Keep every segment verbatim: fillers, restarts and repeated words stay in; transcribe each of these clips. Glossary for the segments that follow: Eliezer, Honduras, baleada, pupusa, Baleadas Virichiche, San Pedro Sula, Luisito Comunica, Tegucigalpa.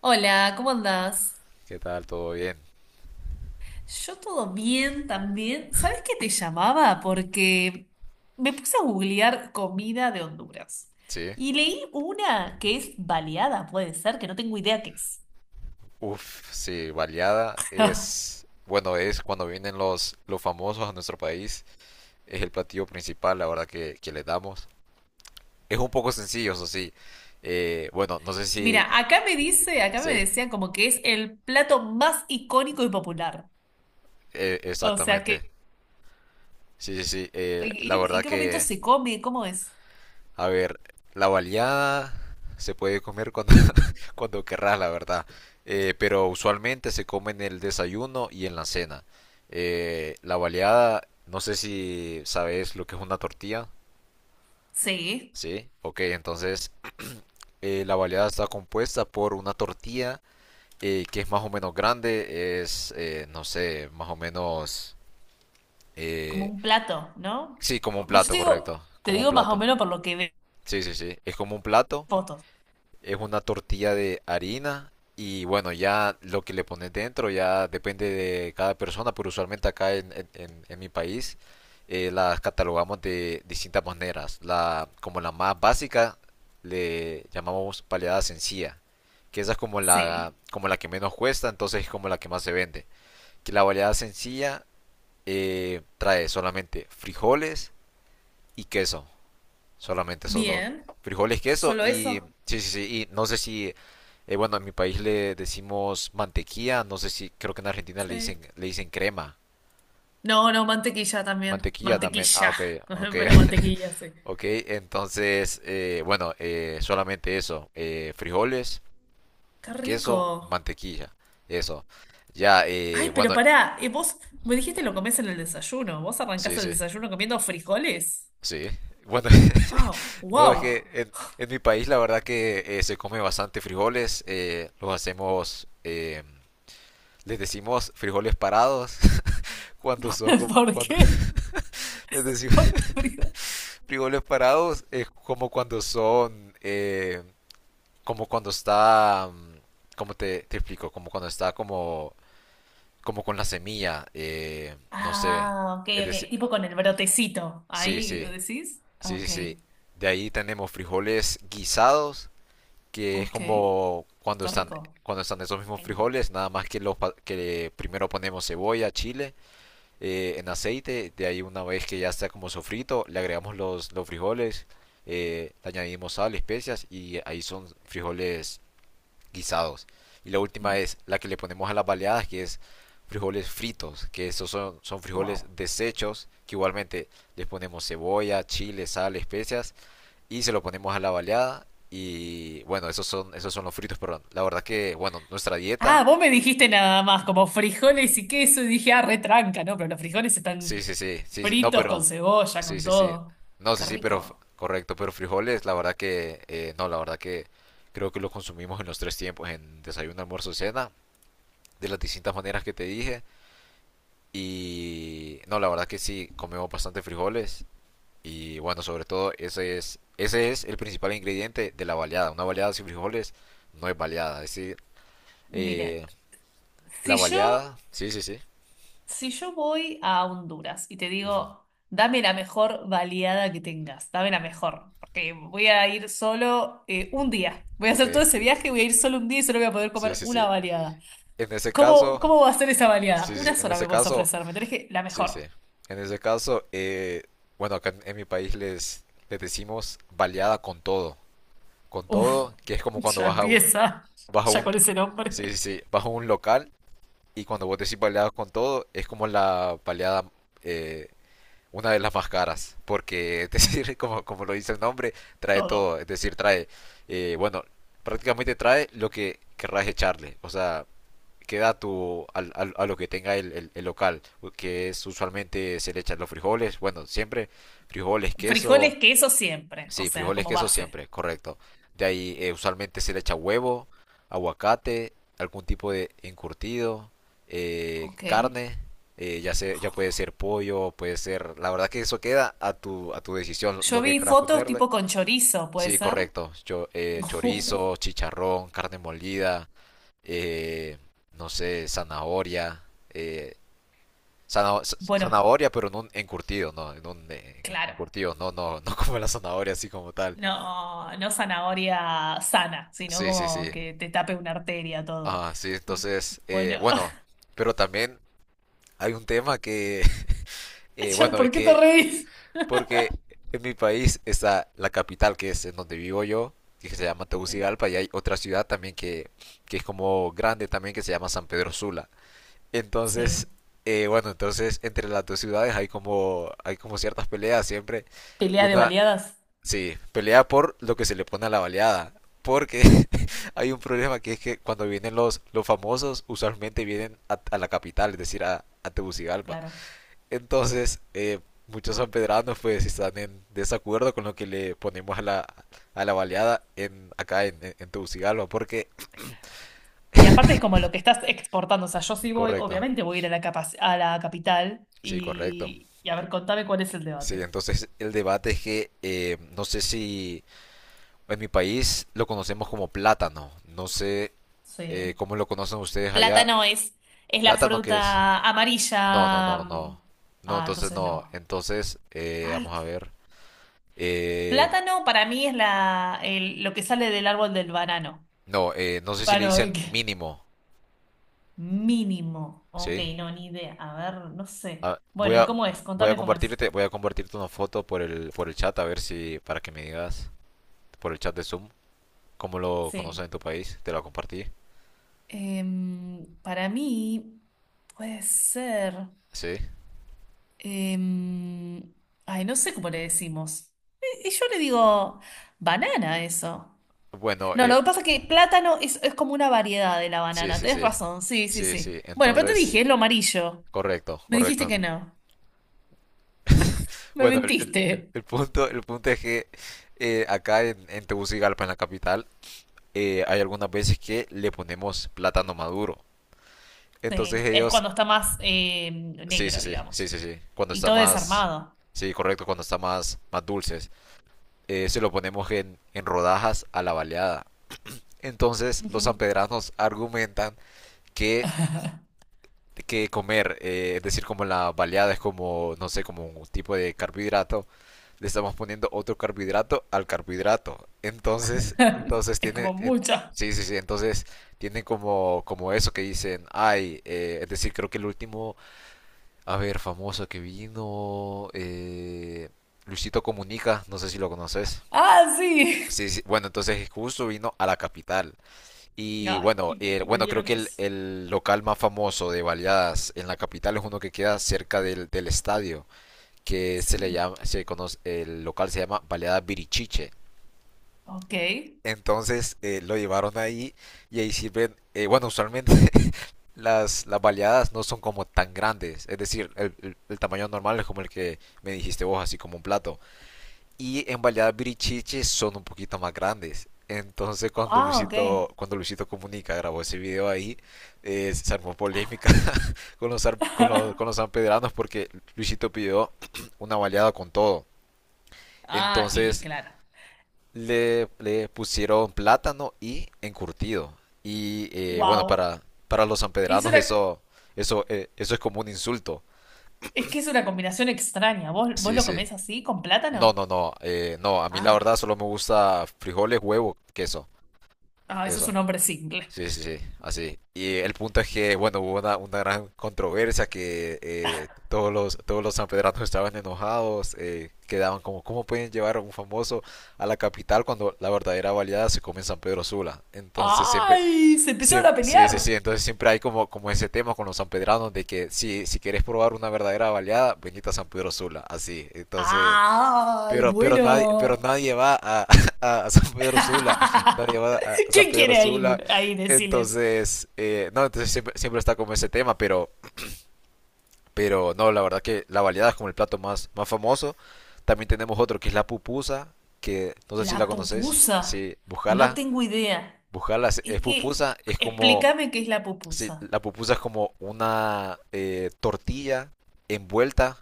Hola, ¿cómo andás? ¿Qué tal? ¿Todo bien? Yo todo bien también. ¿Sabes qué te llamaba? Porque me puse a googlear comida de Honduras Sí. y leí una que es baleada, puede ser, que no tengo idea qué es. Uf, sí, baleada es, bueno, es cuando vienen los, los famosos a nuestro país, es el platillo principal, la verdad, que, que le damos. Es un poco sencillo, eso sí. Eh, bueno, no sé si... Mira, acá me dice, acá Sí, me decían como que es el plato más icónico y popular. eh, O sea, que, exactamente. Sí, sí, sí. Eh, la ¿en en verdad qué momento que, se come? ¿Cómo es? a ver, la baleada se puede comer cuando, cuando querrás, la verdad. Eh, pero usualmente se come en el desayuno y en la cena. Eh, la baleada, no sé si sabes lo que es una tortilla, Sí, ¿sí? Ok, entonces eh, la baleada está compuesta por una tortilla eh, que es más o menos grande, es, eh, no sé, más o menos... como eh, un plato, ¿no? sí, como un Yo plato, te digo, correcto, te como un digo más o plato. menos por lo que veo en Sí, sí, sí, es como un plato. fotos. Es una tortilla de harina y bueno, ya lo que le pones dentro ya depende de cada persona, pero usualmente acá en, en- en- en mi país eh, las catalogamos de distintas maneras. La, como la más básica le llamamos paleada sencilla, que esa es como la, Sí. como la que menos cuesta, entonces es como la que más se vende. Que la paleada sencilla eh, trae solamente frijoles y queso. Solamente esos dos. Bien. Frijoles, queso ¿Solo y... eso? Sí, sí, sí. Y no sé si... eh, Bueno, en mi país le decimos mantequilla. No sé si... Creo que en Argentina le Sí. dicen, le dicen crema. No, no, mantequilla también. Mantequilla también. Ah, Mantequilla. ok, ok. Pero mantequilla, sí. Ok, entonces... eh, bueno, eh, solamente eso. Eh, frijoles, Qué rico. queso, mantequilla. Eso. Ya, eh, Ay, pero bueno... pará, eh, vos me dijiste lo comés en el desayuno. ¿Vos arrancás Sí, el sí, desayuno comiendo frijoles? sí. Bueno, Oh, no, es que wow. en, en mi país la verdad que eh, se come bastante frijoles. Eh, los hacemos... eh, les decimos frijoles parados cuando son como ¿Por cuando qué? les decimos ¿Por qué frijoles? frijoles parados es como cuando son eh, como cuando está como te, te explico como cuando está como como con la semilla eh, no sé, Ah, ok, es ok. decir, Tipo con el brotecito. sí Ahí sí, decís. sí sí Ok, sí, de ahí tenemos frijoles guisados que es ok. como cuando Qué están, rico. cuando están esos mismos En... frijoles nada más que los pa- que primero ponemos cebolla chile eh, en aceite. De ahí una vez que ya está como sofrito, le agregamos los, los frijoles, eh, le añadimos sal, especias y ahí son frijoles guisados. Y la última es la que le ponemos a las baleadas, que es frijoles fritos, que estos son, son frijoles Wow. desechos, que igualmente les ponemos cebolla, chile, sal, especias y se lo ponemos a la baleada. Y bueno, esos son, esos son los fritos, perdón, la verdad que, bueno, nuestra Ah, dieta, vos me dijiste nada más, como frijoles y queso, y dije, ah, retranca, ¿no? Pero los frijoles sí, están sí, sí, sí, sí, no, fritos con pero cebolla, sí, con sí, sí. todo. No, sí, Qué sí, pero f- rico. correcto, pero frijoles, la verdad que eh, no, la verdad que creo que lo consumimos en los tres tiempos, en desayuno, almuerzo, cena, de las distintas maneras que te dije. Y no, la verdad que sí, comemos bastante frijoles y bueno, sobre todo ese es, ese es el principal ingrediente de la baleada. Una baleada sin frijoles no es baleada, es decir, Mire, eh, la si yo, baleada, sí, sí, sí. si yo voy a Honduras y te Ujú. digo, dame la mejor baleada que tengas, dame la mejor, porque voy a ir solo eh, un día. Voy a Ok, hacer todo ese viaje, voy a ir solo un día y solo voy a poder sí, comer sí, una sí. baleada. En ese ¿Cómo, caso, cómo va a ser esa baleada? sí, sí, Una en sola ese me puedes caso, ofrecer, me tenés que la sí, sí. mejor. En ese caso, eh, bueno, acá en, en mi país les, les decimos baleada con todo. Con Uf, todo, que es como cuando ya vas a un, empieza, vas a ya un, con ese sí, sí, nombre. sí, vas a un local y cuando vos decís baleada con todo, es como la baleada, eh, una de las más caras. Porque, es Oh, decir, como, como lo dice el nombre, trae todo. todo. Es decir, trae, eh, bueno, prácticamente trae lo que querrás echarle. O sea, queda a, tu, al- al- a lo que tenga el, el- el local, que es usualmente se le echan los frijoles, bueno, siempre frijoles, queso, Frijoles, queso siempre, o sí, sea, frijoles, como queso base. siempre, correcto. De ahí eh, usualmente se le echa huevo, aguacate, algún tipo de encurtido, eh, Ok. carne, eh, ya se- ya puede ser pollo, puede ser, la verdad que eso queda a tu, a tu decisión, Yo lo que vi quieras fotos ponerle. tipo con chorizo, ¿puede Sí, ser? correcto, yo, eh, chorizo, chicharrón, carne molida, eh, no sé, zanahoria, eh, zana- z- Bueno, zanahoria pero en un encurtido, no, en un eh, claro. encurtido, no, no, no como la zanahoria así como tal. No, no zanahoria sana, sino Sí, sí, como sí. que te tape una arteria todo. Ah, sí, entonces, eh, Bueno, bueno, pero también hay un tema que, eh, ya, bueno, es ¿por qué te que, reís? porque en mi país está la capital que es en donde vivo yo, que se llama Sí. Tegucigalpa, y hay otra ciudad también que, que es como grande también que se llama San Pedro Sula. Entonces, Sí. eh, bueno, entonces entre las dos ciudades hay como, hay como ciertas peleas siempre. Y Pelea de una, baleadas, sí, pelea por lo que se le pone a la baleada. Porque hay un problema que es que cuando vienen los, los famosos, usualmente vienen a, a la capital, es decir, a, a Tegucigalpa. claro. Entonces, eh, muchos sanpedranos pues están en desacuerdo con lo que le ponemos a la, a la baleada en, acá en, en, en Tegucigalpa. Porque, Y aparte es como lo que estás exportando. O sea, yo sí voy, correcto, obviamente voy a ir a la, capac- a la capital sí, correcto. y, y a ver, contame cuál es el Sí, debate. entonces el debate es que eh, no sé si en mi país lo conocemos como plátano. No sé Sí. eh, cómo lo conocen ustedes allá. Plátano es, es la ¿Plátano qué es? fruta No, no, amarilla. no, Mm, no. No, ah, entonces entonces no. no. Entonces, eh, Ay, vamos a qué- ver. Eh, plátano para mí es la, el- lo que sale del árbol del banano. no, eh, no sé si le Bueno, ¿y dicen qué? mínimo, Mínimo. Ok, ¿sí? no, ni idea. A ver, no sé. Ah, voy Bueno, ¿y a, cómo es? voy a Contame cómo es. compartirte, voy a compartirte una foto por el, por el chat a ver si, para que me digas, por el chat de Zoom, cómo lo conocen Sí. en tu país. Te lo compartí, Em, para mí puede ser. ¿sí? Em, ay, no sé cómo le decimos. Y y yo le digo banana a eso. Bueno, No, eh, lo que pasa es que plátano es, es como una variedad de la sí, banana. sí, Tenés sí. razón, sí, sí, Sí, sí. sí. Bueno, pero te Entonces, dije, es lo amarillo. correcto, Me dijiste correcto. que no. Me Bueno, el, el- el- mentiste. el punto, el punto es que eh, acá en, en Tegucigalpa, en la capital, eh, hay algunas veces que le ponemos plátano maduro. Entonces Sí, es ellos, cuando está más eh, sí, sí, negro, sí, sí, digamos. sí, sí. Cuando Y está todo más, desarmado. sí, correcto, cuando está más, más dulces, eh, se lo ponemos en, en rodajas a la baleada. Entonces, los Ujú. sanpedranos argumentan que que comer, eh, es decir, como la baleada es como, no sé, como un tipo de carbohidrato, le estamos poniendo otro carbohidrato al carbohidrato. Entonces, entonces Es tiene, como en- mucha. sí, sí, sí, entonces tienen como, como eso que dicen, ay, eh, es decir, creo que el último, a ver, famoso que vino, eh, Luisito Comunica, no sé si lo conoces. Ah, sí. Sí, sí, bueno, entonces justo vino a la capital. Y Ay, bueno, y le, eh, y le bueno, creo dieron que el, eso. el local más famoso de baleadas en la capital es uno que queda cerca del, del estadio, que se le Sí. llama, se conoce, el local se llama Baleadas Virichiche. Ok. Entonces eh, lo llevaron ahí y ahí sirven, eh, bueno, usualmente las, las baleadas no son como tan grandes, es decir, el, el- el tamaño normal es como el que me dijiste vos, así como un plato, y en Baleadas Birichiche son un poquito más grandes. Entonces cuando Ah, ok. Luisito, cuando Luisito Comunica grabó ese video ahí, eh, se armó polémica Ah. con los, ar- con los, con los sanpedranos porque Luisito pidió una baleada con todo. Ah, y Entonces claro. le, le pusieron plátano y encurtido. Y eh, bueno, Wow. para, para los Es sanpedranos una, eso, eso, eh, eso es como un insulto. es que es una combinación extraña. ¿Vos, vos Sí, lo sí. comés así, con No, plátano? no, no. Eh, no, a mí la Ah. verdad solo me gusta frijoles, huevo, queso. Ah, eso es Eso. un hombre single. Sí, sí, sí, así. Y el punto es que, bueno, hubo una, una gran controversia que eh, todos los, todos los sanpedranos estaban enojados, eh, quedaban como, ¿cómo pueden llevar a un famoso a la capital cuando la verdadera baleada se come en San Pedro Sula? Entonces siempre, ¡Ay! Se empezaron siem- a sí, pelear. sí, sí, entonces siempre hay como, como ese tema con los sanpedranos de que si, si quieres probar una verdadera baleada, venite a San Pedro Sula, así. Entonces... ¡Ay! Pero, pero nadie, pero Bueno. nadie va a, a- San Pedro Sula, nadie va a, a San ¿Quién Pedro quiere Sula, ir ahí? Deciles. entonces, eh, no, entonces siempre, siempre está como ese tema, pero, pero no, la verdad que la baleada es como el plato más, más famoso. También tenemos otro que es la pupusa, que no sé si la La conoces, pupusa. sí, No buscala, tengo idea. buscala, es Es es que, pupusa, es como, explícame qué es la sí, pupusa. la pupusa es como una eh, tortilla envuelta,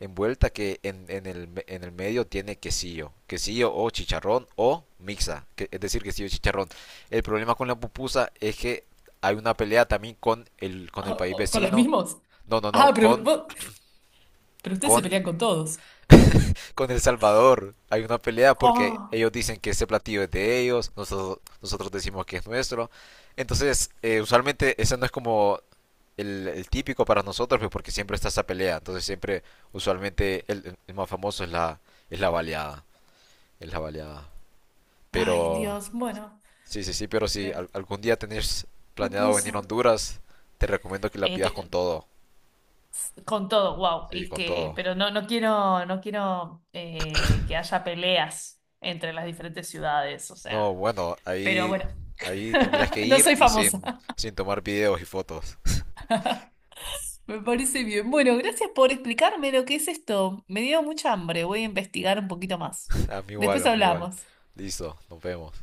envuelta que en, en, el, en el medio tiene quesillo, quesillo o chicharrón o mixa, que- es decir, quesillo y chicharrón. El problema con la pupusa es que hay una pelea también con el, con el Ah, país ah, ¿con los vecino, mismos? no, no, no, Ah, pero, con, vos- pero ustedes se con pelean con todos. con El Salvador hay una pelea porque Oh. ellos dicen que ese platillo es de ellos, nosotros, nosotros decimos que es nuestro. Entonces, eh, usualmente ese no es como el, el típico para nosotros, pues, porque siempre está esa pelea. Entonces, siempre, usualmente, el, el más famoso es la, es la baleada. Es la baleada. Ay, Pero, Dios, bueno, sí, sí, sí, pero si me al- algún día tenés planeado venir pupusa. a Honduras, te recomiendo que la Eh, pidas te- con todo. con todo, wow. Sí, Y con que, todo. pero no, no quiero, no quiero eh, que haya peleas entre las diferentes ciudades, o No, sea. bueno, Pero ahí, bueno, ahí tendrías que no ir soy y famosa. sin, sin tomar videos y fotos. Me parece bien. Bueno, gracias por explicarme lo que es esto. Me dio mucha hambre. Voy a investigar un poquito más. A mí igual, Después a mí igual. hablamos. Listo, nos vemos.